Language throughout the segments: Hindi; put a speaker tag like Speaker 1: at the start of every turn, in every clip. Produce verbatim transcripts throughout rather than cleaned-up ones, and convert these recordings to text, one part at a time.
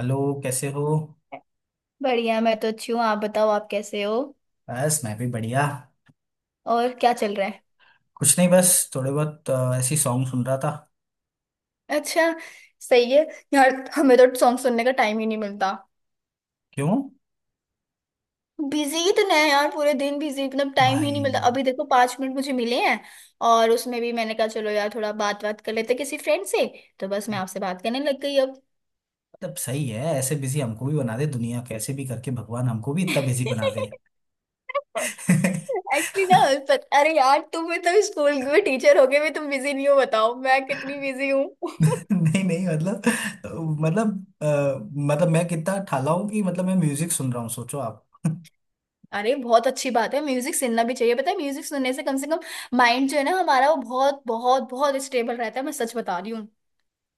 Speaker 1: हेलो। कैसे हो?
Speaker 2: बढ़िया। मैं तो अच्छी हूँ, आप बताओ, आप कैसे हो?
Speaker 1: बस मैं भी बढ़िया।
Speaker 2: और क्या चल रहा है?
Speaker 1: कुछ नहीं, बस थोड़े बहुत अ, ऐसी सॉन्ग सुन रहा था।
Speaker 2: अच्छा। सही है। यार हमें तो सॉन्ग सुनने का टाइम ही नहीं मिलता।
Speaker 1: क्यों?
Speaker 2: बिजी इतने हैं यार, पूरे दिन बिजी, मतलब टाइम ही
Speaker 1: भाई।
Speaker 2: नहीं मिलता। अभी देखो, पांच मिनट मुझे मिले हैं और उसमें भी मैंने कहा चलो यार, थोड़ा बात बात कर लेते हैं किसी फ्रेंड से। तो बस मैं आपसे बात करने लग गई अब।
Speaker 1: मतलब सही है, ऐसे बिजी हमको भी बना दे दुनिया। कैसे भी करके भगवान हमको भी इतना बिजी बना दे।
Speaker 2: एक्चुअली ना। पर, अरे यार तुम भी तो स्कूल में टीचर हो, गए भी तुम बिजी नहीं हो, बताओ मैं कितनी बिजी हूँ।
Speaker 1: नहीं नहीं, मतलब मतलब अ, मतलब मैं कितना ठाला हूँ कि मतलब मैं म्यूजिक सुन रहा हूँ, सोचो।
Speaker 2: अरे बहुत अच्छी बात है, म्यूजिक सुनना भी चाहिए। पता है म्यूजिक सुनने से कम से कम माइंड जो है ना हमारा, वो बहुत बहुत बहुत स्टेबल रहता है। मैं सच बता रही हूँ।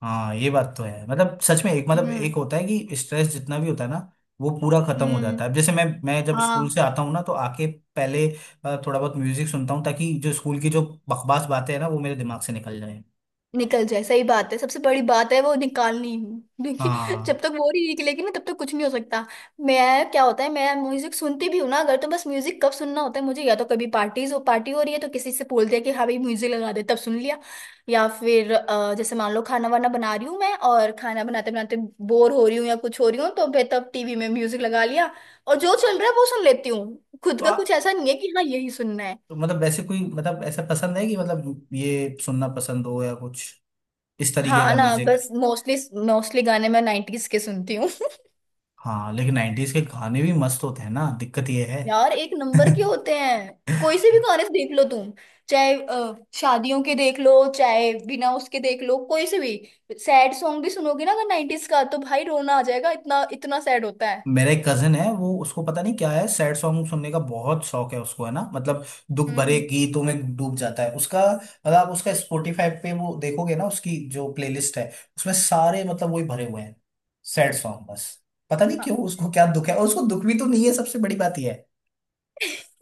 Speaker 1: हाँ, ये बात तो है। मतलब सच में एक, मतलब
Speaker 2: हम्म।
Speaker 1: एक होता है कि स्ट्रेस जितना भी होता है ना, वो पूरा खत्म हो
Speaker 2: हम्म।
Speaker 1: जाता है। अब जैसे मैं मैं जब स्कूल
Speaker 2: हाँ।
Speaker 1: से आता हूँ ना तो आके पहले अ, थोड़ा बहुत म्यूजिक सुनता हूँ ताकि जो स्कूल की जो बकवास बातें हैं ना, वो मेरे दिमाग से निकल जाए।
Speaker 2: निकल जाए, सही बात है, सबसे बड़ी बात है वो निकालनी, क्योंकि जब
Speaker 1: हाँ।
Speaker 2: तक वो नहीं निकलेगी ना तब तक कुछ नहीं हो सकता। मैं क्या होता है, मैं म्यूजिक सुनती भी हूँ ना अगर, तो बस म्यूजिक कब सुनना होता है मुझे, या तो कभी पार्टीज हो, पार्टी हो रही है तो किसी से बोल दिया कि हाँ भाई म्यूजिक लगा दे, तब सुन लिया। या फिर अ, जैसे मान लो खाना वाना बना रही हूँ मैं, और खाना बनाते बनाते बोर हो रही हूँ या कुछ हो रही हूँ, तो मैं तब टीवी में म्यूजिक लगा लिया और जो चल रहा है वो सुन लेती हूँ। खुद
Speaker 1: तो,
Speaker 2: का कुछ
Speaker 1: आ,
Speaker 2: ऐसा नहीं है कि हाँ यही सुनना है।
Speaker 1: तो मतलब वैसे कोई मतलब ऐसा पसंद है कि मतलब ये सुनना पसंद हो या कुछ इस तरीके
Speaker 2: हाँ
Speaker 1: का
Speaker 2: ना,
Speaker 1: म्यूजिक?
Speaker 2: बस मोस्टली, मोस्टली गाने मैं नाइन्टीज के सुनती हूँ।
Speaker 1: हाँ, लेकिन नाइन्टीज के गाने भी मस्त होते हैं ना, दिक्कत ये है।
Speaker 2: यार एक नंबर के होते हैं, कोई से भी गाने देख लो तुम, चाहे अ, शादियों के देख लो चाहे बिना उसके देख लो, कोई से भी। सैड सॉन्ग भी सुनोगे ना अगर नाइन्टीज का, तो भाई रोना आ जाएगा, इतना इतना सैड होता है।
Speaker 1: मेरा एक कजन है, वो, उसको पता नहीं क्या है, सैड सॉन्ग सुनने का बहुत शौक है उसको, है ना? मतलब दुख भरे
Speaker 2: हम्म।
Speaker 1: गीतों में डूब जाता है उसका। मतलब आप उसका स्पॉटिफाई पे वो देखोगे ना, उसकी जो प्लेलिस्ट है उसमें सारे मतलब वही भरे हुए हैं, सैड सॉन्ग, बस। पता नहीं
Speaker 2: हाँ।
Speaker 1: क्यों उसको क्या दुख है, और उसको दुख भी तो नहीं है, सबसे बड़ी बात यह है।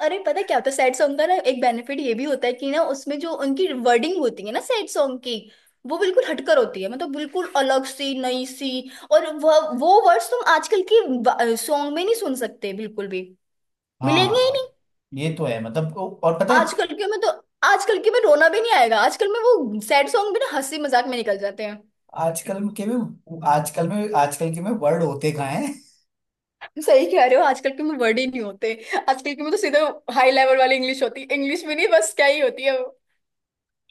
Speaker 2: अरे पता क्या होता है सैड सॉन्ग का ना, एक बेनिफिट ये भी होता है कि ना उसमें जो उनकी वर्डिंग होती है ना सैड सॉन्ग की, वो बिल्कुल हटकर होती है, मतलब बिल्कुल अलग सी नई सी। और वह वो वर्ड्स तुम आजकल की सॉन्ग में नहीं सुन सकते बिल्कुल भी, मिलेंगे ही
Speaker 1: हाँ,
Speaker 2: नहीं।
Speaker 1: ये तो है, मतलब ओ- और पता
Speaker 2: आजकल
Speaker 1: है।
Speaker 2: के में तो आजकल के में रोना भी नहीं आएगा, आजकल में वो सैड सॉन्ग भी ना हंसी मजाक में निकल जाते हैं।
Speaker 1: आजकल के में, आजकल में, आजकल के में वर्ड होते कहाँ?
Speaker 2: सही कह रहे हो, आजकल के में वर्ड ही नहीं होते। आजकल के में तो सीधे हाई लेवल वाली इंग्लिश होती है, इंग्लिश भी नहीं, बस क्या ही होती है वो।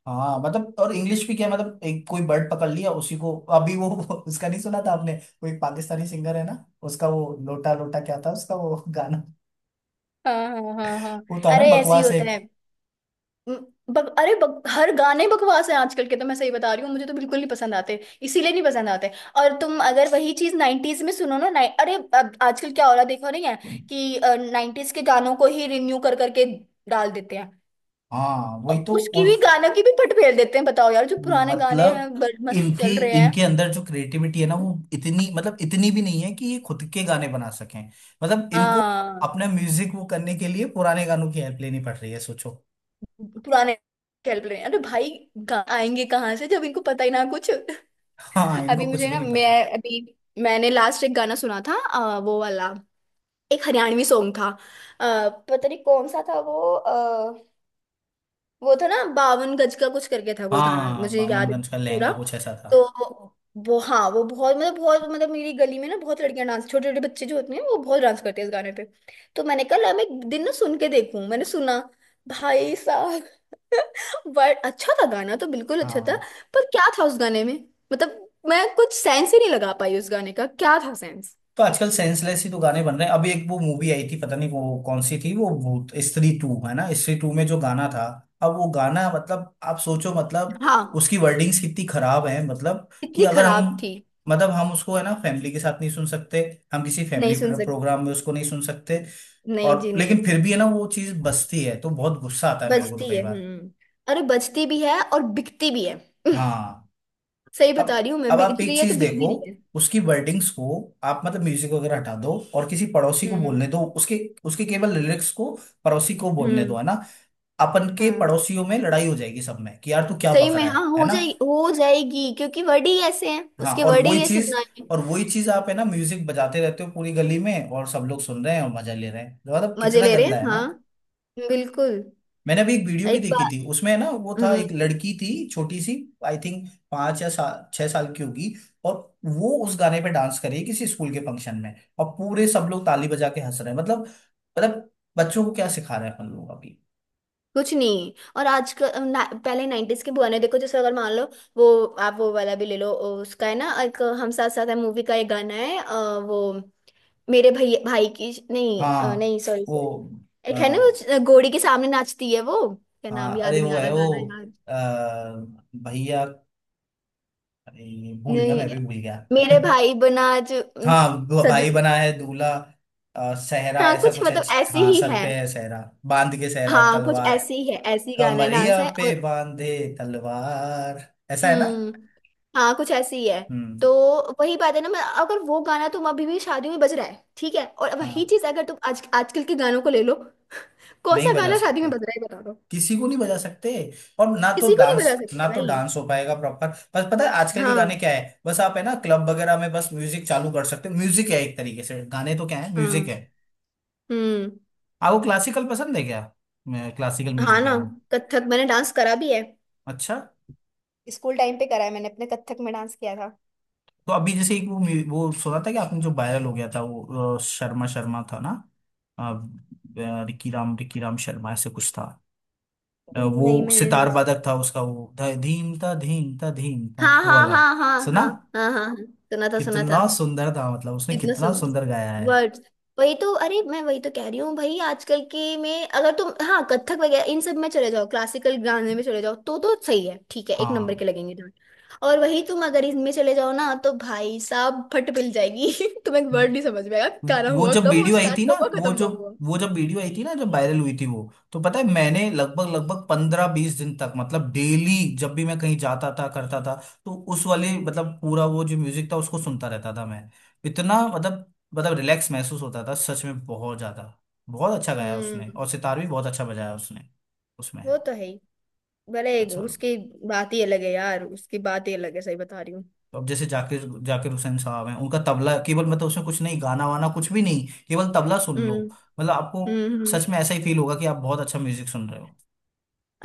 Speaker 1: हाँ, मतलब और इंग्लिश भी क्या है, मतलब एक कोई बर्ड पकड़ लिया उसी को। अभी वो वो उसका नहीं सुना था आपने? वो एक पाकिस्तानी सिंगर है ना, उसका वो लोटा लोटा क्या था उसका वो गाना?
Speaker 2: हाँ हाँ हाँ हाँ।
Speaker 1: वो था ना,
Speaker 2: अरे ऐसे ही
Speaker 1: बकवास
Speaker 2: होता
Speaker 1: एक।
Speaker 2: है। म- बक, अरे बक, हर गाने बकवास है आजकल के तो, मैं सही बता रही हूँ, मुझे तो बिल्कुल नहीं पसंद आते, इसीलिए नहीं पसंद आते। और तुम अगर वही चीज नाइन्टीज में सुनो ना, नाइ अरे अब आजकल क्या हो रहा है देखो, नहीं है कि नाइन्टीज के गानों को ही रिन्यू कर करके डाल देते हैं?
Speaker 1: हाँ वही तो।
Speaker 2: उसकी भी,
Speaker 1: उस,
Speaker 2: गानों की भी फट फेर देते हैं, बताओ यार, जो पुराने गाने
Speaker 1: मतलब,
Speaker 2: हैं बड़े मस्त
Speaker 1: इनकी,
Speaker 2: चल रहे हैं।
Speaker 1: इनके अंदर जो क्रिएटिविटी है ना, वो इतनी, मतलब इतनी भी नहीं है कि ये खुद के गाने बना सकें। मतलब इनको
Speaker 2: हाँ
Speaker 1: अपना म्यूजिक वो करने के लिए पुराने गानों की हेल्प लेनी पड़ रही है, सोचो।
Speaker 2: पुराने चल रहे हैं। अरे भाई गा- आएंगे कहाँ से जब इनको पता ही ना कुछ।
Speaker 1: हाँ,
Speaker 2: अभी
Speaker 1: इनको कुछ
Speaker 2: मुझे
Speaker 1: भी
Speaker 2: ना
Speaker 1: नहीं पता।
Speaker 2: मैं अभी मैंने लास्ट एक गाना सुना था, अ, वो वाला, एक हरियाणवी सॉन्ग था, अ, पता नहीं कौन सा था वो। वो था ना, बावन गज का कुछ करके था कोई गाना,
Speaker 1: हाँ,
Speaker 2: मुझे याद
Speaker 1: बामनगंज का
Speaker 2: है
Speaker 1: लहंगा
Speaker 2: पूरा।
Speaker 1: कुछ ऐसा था।
Speaker 2: तो वो हाँ वो बहुत मतलब बहुत, मतलब मेरी गली में ना बहुत लड़कियां डांस, छोटे छोटे बच्चे जो होते हैं वो बहुत डांस करते हैं इस गाने पे। तो मैंने कहा "ला, मैं एक दिन ना सुन के देखूं", मैंने सुना भाई साहब, बट अच्छा था गाना, तो बिल्कुल अच्छा था।
Speaker 1: हाँ,
Speaker 2: पर क्या था उस गाने में, मतलब मैं कुछ सेंस ही नहीं लगा पाई, उस गाने का क्या था सेंस।
Speaker 1: तो आजकल सेंसलेस ही तो गाने बन रहे हैं। अभी एक वो मूवी आई थी, पता नहीं वो कौन सी थी, वो भूत, स्त्री टू है ना, स्त्री टू में जो गाना था। अब वो गाना, मतलब आप सोचो, मतलब
Speaker 2: हाँ
Speaker 1: उसकी वर्डिंग्स कितनी खराब है, मतलब कि
Speaker 2: इतनी
Speaker 1: अगर हम,
Speaker 2: खराब थी।
Speaker 1: मतलब हम उसको है ना फैमिली के साथ नहीं सुन सकते, हम किसी फैमिली
Speaker 2: नहीं सुन सक
Speaker 1: प्रोग्राम में उसको नहीं सुन सकते।
Speaker 2: नहीं
Speaker 1: और
Speaker 2: जी नहीं।
Speaker 1: लेकिन फिर भी है ना वो चीज बसती है तो बहुत गुस्सा आता है मेरे को, तो
Speaker 2: बचती
Speaker 1: कई
Speaker 2: है।
Speaker 1: बार।
Speaker 2: हम्म। अरे बचती भी है और बिकती भी है।
Speaker 1: हाँ।
Speaker 2: सही बता
Speaker 1: अब
Speaker 2: रही हूँ मैं,
Speaker 1: अब
Speaker 2: बिक
Speaker 1: आप एक
Speaker 2: रही है तो
Speaker 1: चीज
Speaker 2: बिक
Speaker 1: देखो,
Speaker 2: भी रही है।
Speaker 1: उसकी वर्डिंग्स को। आप मतलब म्यूजिक वगैरह हटा दो और किसी पड़ोसी को
Speaker 2: हम्म।
Speaker 1: बोलने दो उसके उसके केवल लिरिक्स को, पड़ोसी को बोलने
Speaker 2: हम्म।
Speaker 1: दो, है ना? अपन के
Speaker 2: हाँ
Speaker 1: पड़ोसियों में लड़ाई हो जाएगी सब में कि यार तू क्या
Speaker 2: सही
Speaker 1: बक
Speaker 2: में,
Speaker 1: रहा
Speaker 2: हाँ
Speaker 1: है है
Speaker 2: हो
Speaker 1: ना?
Speaker 2: जाएगी, हो जाएगी, क्योंकि वर्ड ही ऐसे हैं,
Speaker 1: हाँ,
Speaker 2: उसके
Speaker 1: और
Speaker 2: वर्ड ही
Speaker 1: वही
Speaker 2: ऐसे
Speaker 1: चीज
Speaker 2: बनाए हैं।
Speaker 1: और वही चीज आप है ना म्यूजिक बजाते रहते हो पूरी गली में और सब लोग सुन रहे हैं और मजा ले रहे हैं, मतलब
Speaker 2: मजे
Speaker 1: कितना
Speaker 2: ले रहे
Speaker 1: गंदा है
Speaker 2: हैं,
Speaker 1: ना।
Speaker 2: हाँ बिल्कुल।
Speaker 1: मैंने अभी एक वीडियो भी
Speaker 2: एक
Speaker 1: देखी
Speaker 2: बार।
Speaker 1: थी, उसमें है ना, वो था,
Speaker 2: हम्म।
Speaker 1: एक लड़की थी छोटी सी, आई थिंक पांच या सा, छह साल की होगी। और वो उस गाने पे डांस कर रही है किसी स्कूल के फंक्शन में, और पूरे सब लोग ताली बजा के हंस रहे हैं। मतलब मतलब बच्चों को क्या सिखा रहे हैं अपन लोग अभी।
Speaker 2: कुछ नहीं। और आज का ना, पहले नाइन्टीज के पुराने देखो, जैसे अगर मान लो वो, आप वो वाला भी ले लो, ओ, उसका है ना, एक हम साथ साथ है मूवी का एक गाना है, अ, वो मेरे भैया भाई की, नहीं अ,
Speaker 1: हाँ,
Speaker 2: नहीं सॉरी,
Speaker 1: वो अ,
Speaker 2: एक है ना वो घोड़ी के सामने नाचती है वो, क्या नाम
Speaker 1: हाँ
Speaker 2: याद
Speaker 1: अरे
Speaker 2: ही नहीं
Speaker 1: वो
Speaker 2: आ
Speaker 1: है
Speaker 2: रहा
Speaker 1: वो
Speaker 2: गाना यार।
Speaker 1: अ, भैया, अरे भूल गया, मैं
Speaker 2: नहीं,
Speaker 1: भी भूल गया।
Speaker 2: मेरे भाई बना जो,
Speaker 1: हाँ, भ-
Speaker 2: सज,
Speaker 1: भाई बना है दूल्हा, अ, सहरा
Speaker 2: हाँ
Speaker 1: ऐसा
Speaker 2: कुछ
Speaker 1: कुछ है।
Speaker 2: मतलब ऐसी
Speaker 1: हाँ,
Speaker 2: ही
Speaker 1: सर
Speaker 2: है।
Speaker 1: पे है सहरा, बांध के सहरा
Speaker 2: हाँ कुछ
Speaker 1: तलवार,
Speaker 2: ऐसी ही है, ऐसी गाना है, डांस
Speaker 1: कमरिया
Speaker 2: है
Speaker 1: पे
Speaker 2: और।
Speaker 1: बांधे तलवार, ऐसा है ना?
Speaker 2: हम्म। हाँ कुछ ऐसी ही है।
Speaker 1: हम्म।
Speaker 2: तो वही बात है ना, मैं अगर, वो गाना तुम अभी भी शादी में बज रहा है, ठीक है, और वही
Speaker 1: हाँ,
Speaker 2: चीज अगर तुम आज आजकल के गानों को ले लो, कौन
Speaker 1: नहीं
Speaker 2: सा
Speaker 1: बजा
Speaker 2: गाना शादी
Speaker 1: सकते,
Speaker 2: में बज रहा है बता दो।
Speaker 1: किसी को नहीं बजा सकते। और ना तो
Speaker 2: किसी को नहीं
Speaker 1: डांस
Speaker 2: बजा
Speaker 1: ना
Speaker 2: सकते
Speaker 1: तो
Speaker 2: भाई।
Speaker 1: डांस हो पाएगा प्रॉपर। बस पता है आजकल के गाने
Speaker 2: हाँ।
Speaker 1: क्या है, बस आप है ना क्लब वगैरह में बस म्यूजिक चालू कर सकते हो। म्यूजिक है, एक तरीके से गाने तो क्या है,
Speaker 2: हाँ।
Speaker 1: म्यूजिक है।
Speaker 2: हम्म।
Speaker 1: आपको क्लासिकल पसंद है क्या? क्लासिकल
Speaker 2: हाँ
Speaker 1: म्यूजिक है
Speaker 2: ना,
Speaker 1: वो।
Speaker 2: कथक मैंने डांस करा भी है,
Speaker 1: अच्छा।
Speaker 2: स्कूल टाइम पे करा है, मैंने अपने कथक में डांस किया था।
Speaker 1: तो अभी जैसे एक वो mu- वो सुना था कि आपने, जो वायरल हो गया था वो, अ, शर्मा शर्मा था ना? अ, अ, रिकी राम रिकी राम शर्मा ऐसे कुछ था। अ, वो
Speaker 2: नहीं मैंने नहीं
Speaker 1: सितार वादक
Speaker 2: सुना।
Speaker 1: था, उसका वो ध- धीम था धीम था धीम था
Speaker 2: हाँ
Speaker 1: वो
Speaker 2: हाँ
Speaker 1: वाला।
Speaker 2: हाँ हाँ
Speaker 1: सुना?
Speaker 2: हाँ। हाँ हाँ हाँ सुना था, सुना था।
Speaker 1: कितना सुंदर था, मतलब उसने
Speaker 2: इतना
Speaker 1: कितना
Speaker 2: सुन,
Speaker 1: सुंदर गाया है।
Speaker 2: वर्ड्स, वही तो, अरे मैं वही तो कह रही हूँ भाई, आजकल के में अगर तुम, हाँ कथक वगैरह इन सब में चले जाओ, क्लासिकल गाने में चले जाओ, तो तो सही है, ठीक है, एक नंबर
Speaker 1: हाँ,
Speaker 2: के लगेंगे डांस। और वही तुम अगर इनमें चले जाओ ना, तो भाई साहब फट मिल जाएगी तुम्हें एक वर्ड नहीं समझ में आएगा, गाना
Speaker 1: वो
Speaker 2: हुआ
Speaker 1: जब
Speaker 2: कब, वो
Speaker 1: वीडियो आई
Speaker 2: स्टार्ट
Speaker 1: थी ना
Speaker 2: कब हुआ,
Speaker 1: वो
Speaker 2: खत्म
Speaker 1: जो
Speaker 2: कब हुआ।
Speaker 1: वो जब वीडियो आई थी ना, जब वायरल हुई थी वो, तो पता है मैंने लगभग लगभग पंद्रह बीस दिन तक मतलब डेली, जब भी मैं कहीं जाता था, करता था। तो उस वाले मतलब पूरा वो जो म्यूजिक था उसको सुनता रहता था मैं, इतना मतलब मतलब रिलैक्स महसूस होता था सच में, बहुत ज्यादा। बहुत अच्छा गाया
Speaker 2: हम्म।
Speaker 1: उसने, और सितार भी बहुत अच्छा बजाया उसने उसमें।
Speaker 2: वो तो है ही, भले
Speaker 1: अच्छा।
Speaker 2: उसकी बात ही अलग है यार, उसकी बात ही अलग है, सही बता रही हूँ।
Speaker 1: तो अब जैसे जाकिर जाकिर हुसैन साहब हैं, उनका तबला केवल, मतलब उसमें कुछ नहीं, गाना वाना कुछ भी नहीं, केवल तबला सुन
Speaker 2: हम्म।
Speaker 1: लो। मतलब आपको
Speaker 2: हम्म। हम्म।
Speaker 1: सच में ऐसा ही फील होगा कि आप बहुत अच्छा म्यूजिक सुन रहे हो,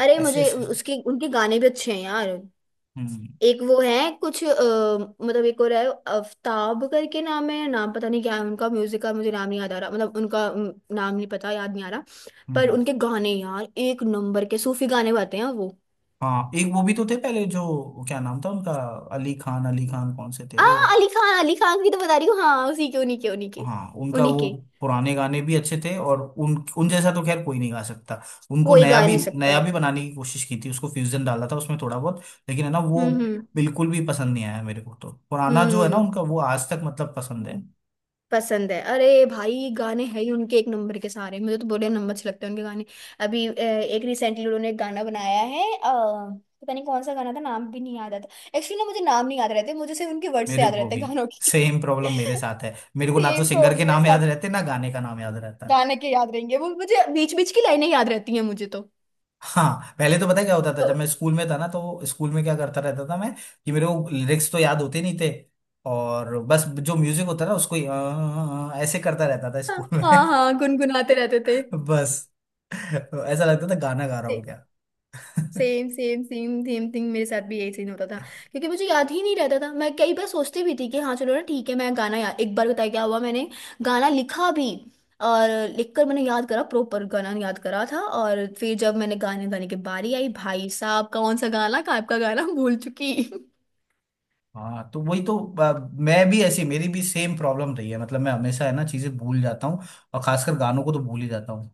Speaker 2: अरे
Speaker 1: ऐसे
Speaker 2: मुझे
Speaker 1: ऐसे।
Speaker 2: उसके उनके गाने भी अच्छे हैं यार।
Speaker 1: हम्म हम्म
Speaker 2: एक वो है कुछ, अ, मतलब एक और है आफ्ताब करके नाम है, नाम पता नहीं क्या है, उनका म्यूजिक का मुझे नाम नहीं याद आ रहा, मतलब उनका अम, नाम नहीं पता, याद नहीं आ रहा। पर
Speaker 1: हम्म।
Speaker 2: उनके गाने यार एक नंबर के सूफी गाने गाते हैं वो।
Speaker 1: हाँ, एक वो भी तो थे पहले, जो क्या नाम था उनका, अली खान अली खान कौन से थे
Speaker 2: आ
Speaker 1: वो?
Speaker 2: अली खान, अली खान की तो बता रही हूँ, हाँ उसी के, उन्हीं के उन्हीं के
Speaker 1: हाँ, उनका
Speaker 2: उन्हीं
Speaker 1: वो
Speaker 2: के।
Speaker 1: पुराने गाने भी अच्छे थे, और उन उन जैसा तो खैर कोई नहीं गा सकता। उनको
Speaker 2: कोई
Speaker 1: नया
Speaker 2: गा
Speaker 1: भी
Speaker 2: नहीं सकता।
Speaker 1: नया भी बनाने की कोशिश की थी, उसको फ्यूजन डाला था उसमें थोड़ा बहुत, लेकिन है ना, वो
Speaker 2: हम्म। हम्म।
Speaker 1: बिल्कुल भी पसंद नहीं आया मेरे को। तो पुराना जो है ना
Speaker 2: हम्म।
Speaker 1: उनका, वो आज तक मतलब पसंद है।
Speaker 2: पसंद है, अरे भाई गाने हैं ही उनके एक नंबर के सारे, मुझे तो बड़े नंबर अच्छे लगते हैं उनके गाने। अभी अ, एक रिसेंटली उन्होंने एक गाना बनाया है, अ, पता नहीं कौन सा गाना था, नाम भी नहीं याद आता एक्चुअली ना, मुझे नाम नहीं याद रहते, मुझे सिर्फ उनके वर्ड से
Speaker 1: मेरे
Speaker 2: याद
Speaker 1: को
Speaker 2: रहते
Speaker 1: भी
Speaker 2: हैं गानों की।
Speaker 1: सेम प्रॉब्लम मेरे साथ है, मेरे को ना तो
Speaker 2: सेम
Speaker 1: सिंगर के
Speaker 2: प्रॉब्लम मेरे
Speaker 1: नाम याद
Speaker 2: साथ।
Speaker 1: रहते, ना गाने का नाम याद रहता।
Speaker 2: गाने के याद रहेंगे वो, मुझे बीच बीच की लाइनें याद रहती हैं मुझे तो।
Speaker 1: हाँ, पहले तो पता है क्या होता था,
Speaker 2: तो-
Speaker 1: जब मैं स्कूल में था ना तो स्कूल में क्या करता रहता था मैं कि मेरे को लिरिक्स तो याद होते नहीं थे, और बस जो म्यूजिक होता ना उसको ही, "आ, आ, आ", ऐसे करता रहता था स्कूल
Speaker 2: हाँ
Speaker 1: में।
Speaker 2: हाँ गुनगुनाते रहते
Speaker 1: बस, तो ऐसा लगता था गाना गा रहा
Speaker 2: थे।
Speaker 1: हूँ क्या?
Speaker 2: Same same same same thing मेरे साथ भी, यही सीन होता था क्योंकि मुझे याद ही नहीं रहता था। मैं कई बार सोचती भी थी कि हाँ चलो ना ठीक है मैं गाना, या एक बार बताया क्या हुआ मैंने, गाना लिखा भी और लिखकर मैंने याद करा, प्रॉपर गाना याद करा था, और फिर जब मैंने गाने, गाने की बारी आई, भाई साहब कौन सा गाना, का आपका गाना भूल चुकी।
Speaker 1: हाँ तो वही तो, अ, मैं भी ऐसी मेरी भी सेम प्रॉब्लम रही है। मतलब मैं हमेशा है ना चीजें भूल जाता हूँ, और खासकर गानों को तो भूल ही जाता हूँ।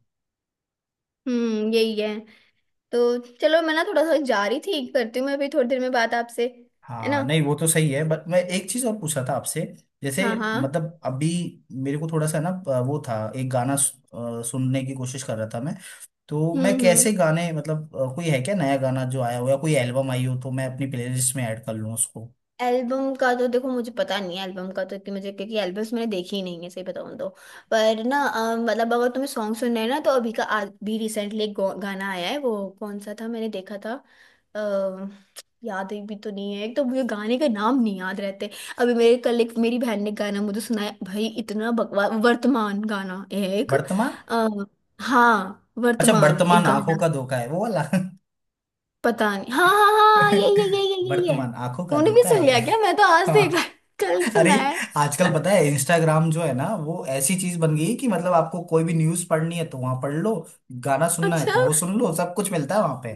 Speaker 2: हम्म। यही है। तो चलो मैं ना थोड़ा सा जा रही थी, करती हूँ मैं, अभी थोड़ी देर में बात आपसे। है
Speaker 1: हाँ
Speaker 2: ना।
Speaker 1: नहीं, वो तो सही है, बट मैं एक चीज और पूछ रहा था आपसे। जैसे
Speaker 2: हाँ। हाँ।
Speaker 1: मतलब, अभी मेरे को थोड़ा सा ना अ, वो था, एक गाना सु- अ, सुनने की कोशिश कर रहा था मैं। तो
Speaker 2: हम्म।
Speaker 1: मैं कैसे
Speaker 2: हम्म।
Speaker 1: गाने, मतलब अ, कोई है क्या नया गाना जो आया हो या कोई एल्बम आई हो तो मैं अपनी प्लेलिस्ट में ऐड कर लूँ उसको?
Speaker 2: एल्बम का तो देखो, मुझे पता नहीं है एल्बम का तो, कि मुझे, क्योंकि एल्बम्स मैंने देखी ही नहीं है सही बताऊं तो। पर ना अ, मतलब अगर तुम्हें सॉन्ग सुनना है ना, तो अभी का, आज भी रिसेंटली एक गौ- गाना आया है, वो कौन सा था मैंने देखा था, अ, याद भी तो नहीं है, एक तो मुझे गाने के नाम नहीं याद रहते। अभी मेरे कल, एक मेरी बहन ने गाना मुझे सुनाया, भाई इतना बकवास वर्तमान गाना एक,
Speaker 1: वर्तमान?
Speaker 2: अ, हाँ
Speaker 1: अच्छा,
Speaker 2: वर्तमान एक
Speaker 1: वर्तमान आंखों
Speaker 2: गाना।
Speaker 1: का धोखा है, वो वाला।
Speaker 2: पता नहीं, हाँ हाँ हाँ ये ये ये ये ये ये।
Speaker 1: वर्तमान आंखों का
Speaker 2: तूने भी
Speaker 1: धोखा
Speaker 2: सुन लिया
Speaker 1: है।
Speaker 2: क्या, मैं तो आज देखा, कल
Speaker 1: अरे।
Speaker 2: सुना है।
Speaker 1: आजकल पता है इंस्टाग्राम जो है ना वो ऐसी चीज बन गई है कि, मतलब आपको कोई भी न्यूज पढ़नी है तो वहां पढ़ लो, गाना सुनना है
Speaker 2: अच्छा।
Speaker 1: तो वो सुन लो, सब कुछ मिलता है वहां पे।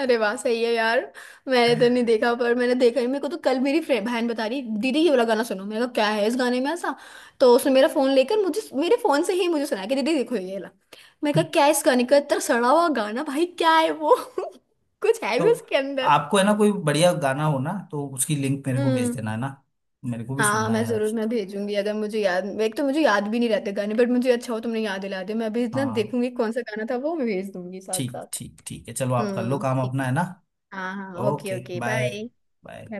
Speaker 2: अरे वाह सही है यार। मैंने तो नहीं देखा, पर मैंने देखा ही मेरे को तो, कल मेरी फ्रेंड बहन बता रही, दीदी ये वाला गाना सुनो, मैंने कहा क्या है इस गाने में ऐसा, तो उसने मेरा फोन लेकर मुझे, मेरे फोन से ही मुझे सुनाया कि दीदी देखो ये वाला, मैंने कहा क्या है इस गाने का, इतना सड़ा हुआ गाना भाई, क्या है वो कुछ है
Speaker 1: तो
Speaker 2: भी उसके अंदर?
Speaker 1: आपको है ना, कोई बढ़िया गाना हो ना तो उसकी लिंक मेरे को भेज देना
Speaker 2: हम्म।
Speaker 1: है ना। मेरे को भी
Speaker 2: हाँ
Speaker 1: सुनना
Speaker 2: मैं
Speaker 1: है यार।
Speaker 2: जरूर, मैं भेजूंगी, अगर मुझे याद, एक तो मुझे याद भी नहीं रहते गाने, बट मुझे अच्छा हो, तुमने याद दिला दिया, मैं अभी इतना
Speaker 1: हाँ
Speaker 2: देखूंगी कौन सा गाना था वो, मैं भेज दूंगी साथ
Speaker 1: ठीक
Speaker 2: साथ।
Speaker 1: ठीक, ठीक है, चलो आप कर लो
Speaker 2: हम्म
Speaker 1: काम
Speaker 2: ठीक
Speaker 1: अपना,
Speaker 2: है।
Speaker 1: है ना?
Speaker 2: हाँ हाँ,
Speaker 1: okay,
Speaker 2: okay okay,
Speaker 1: bye
Speaker 2: bye.
Speaker 1: Bye.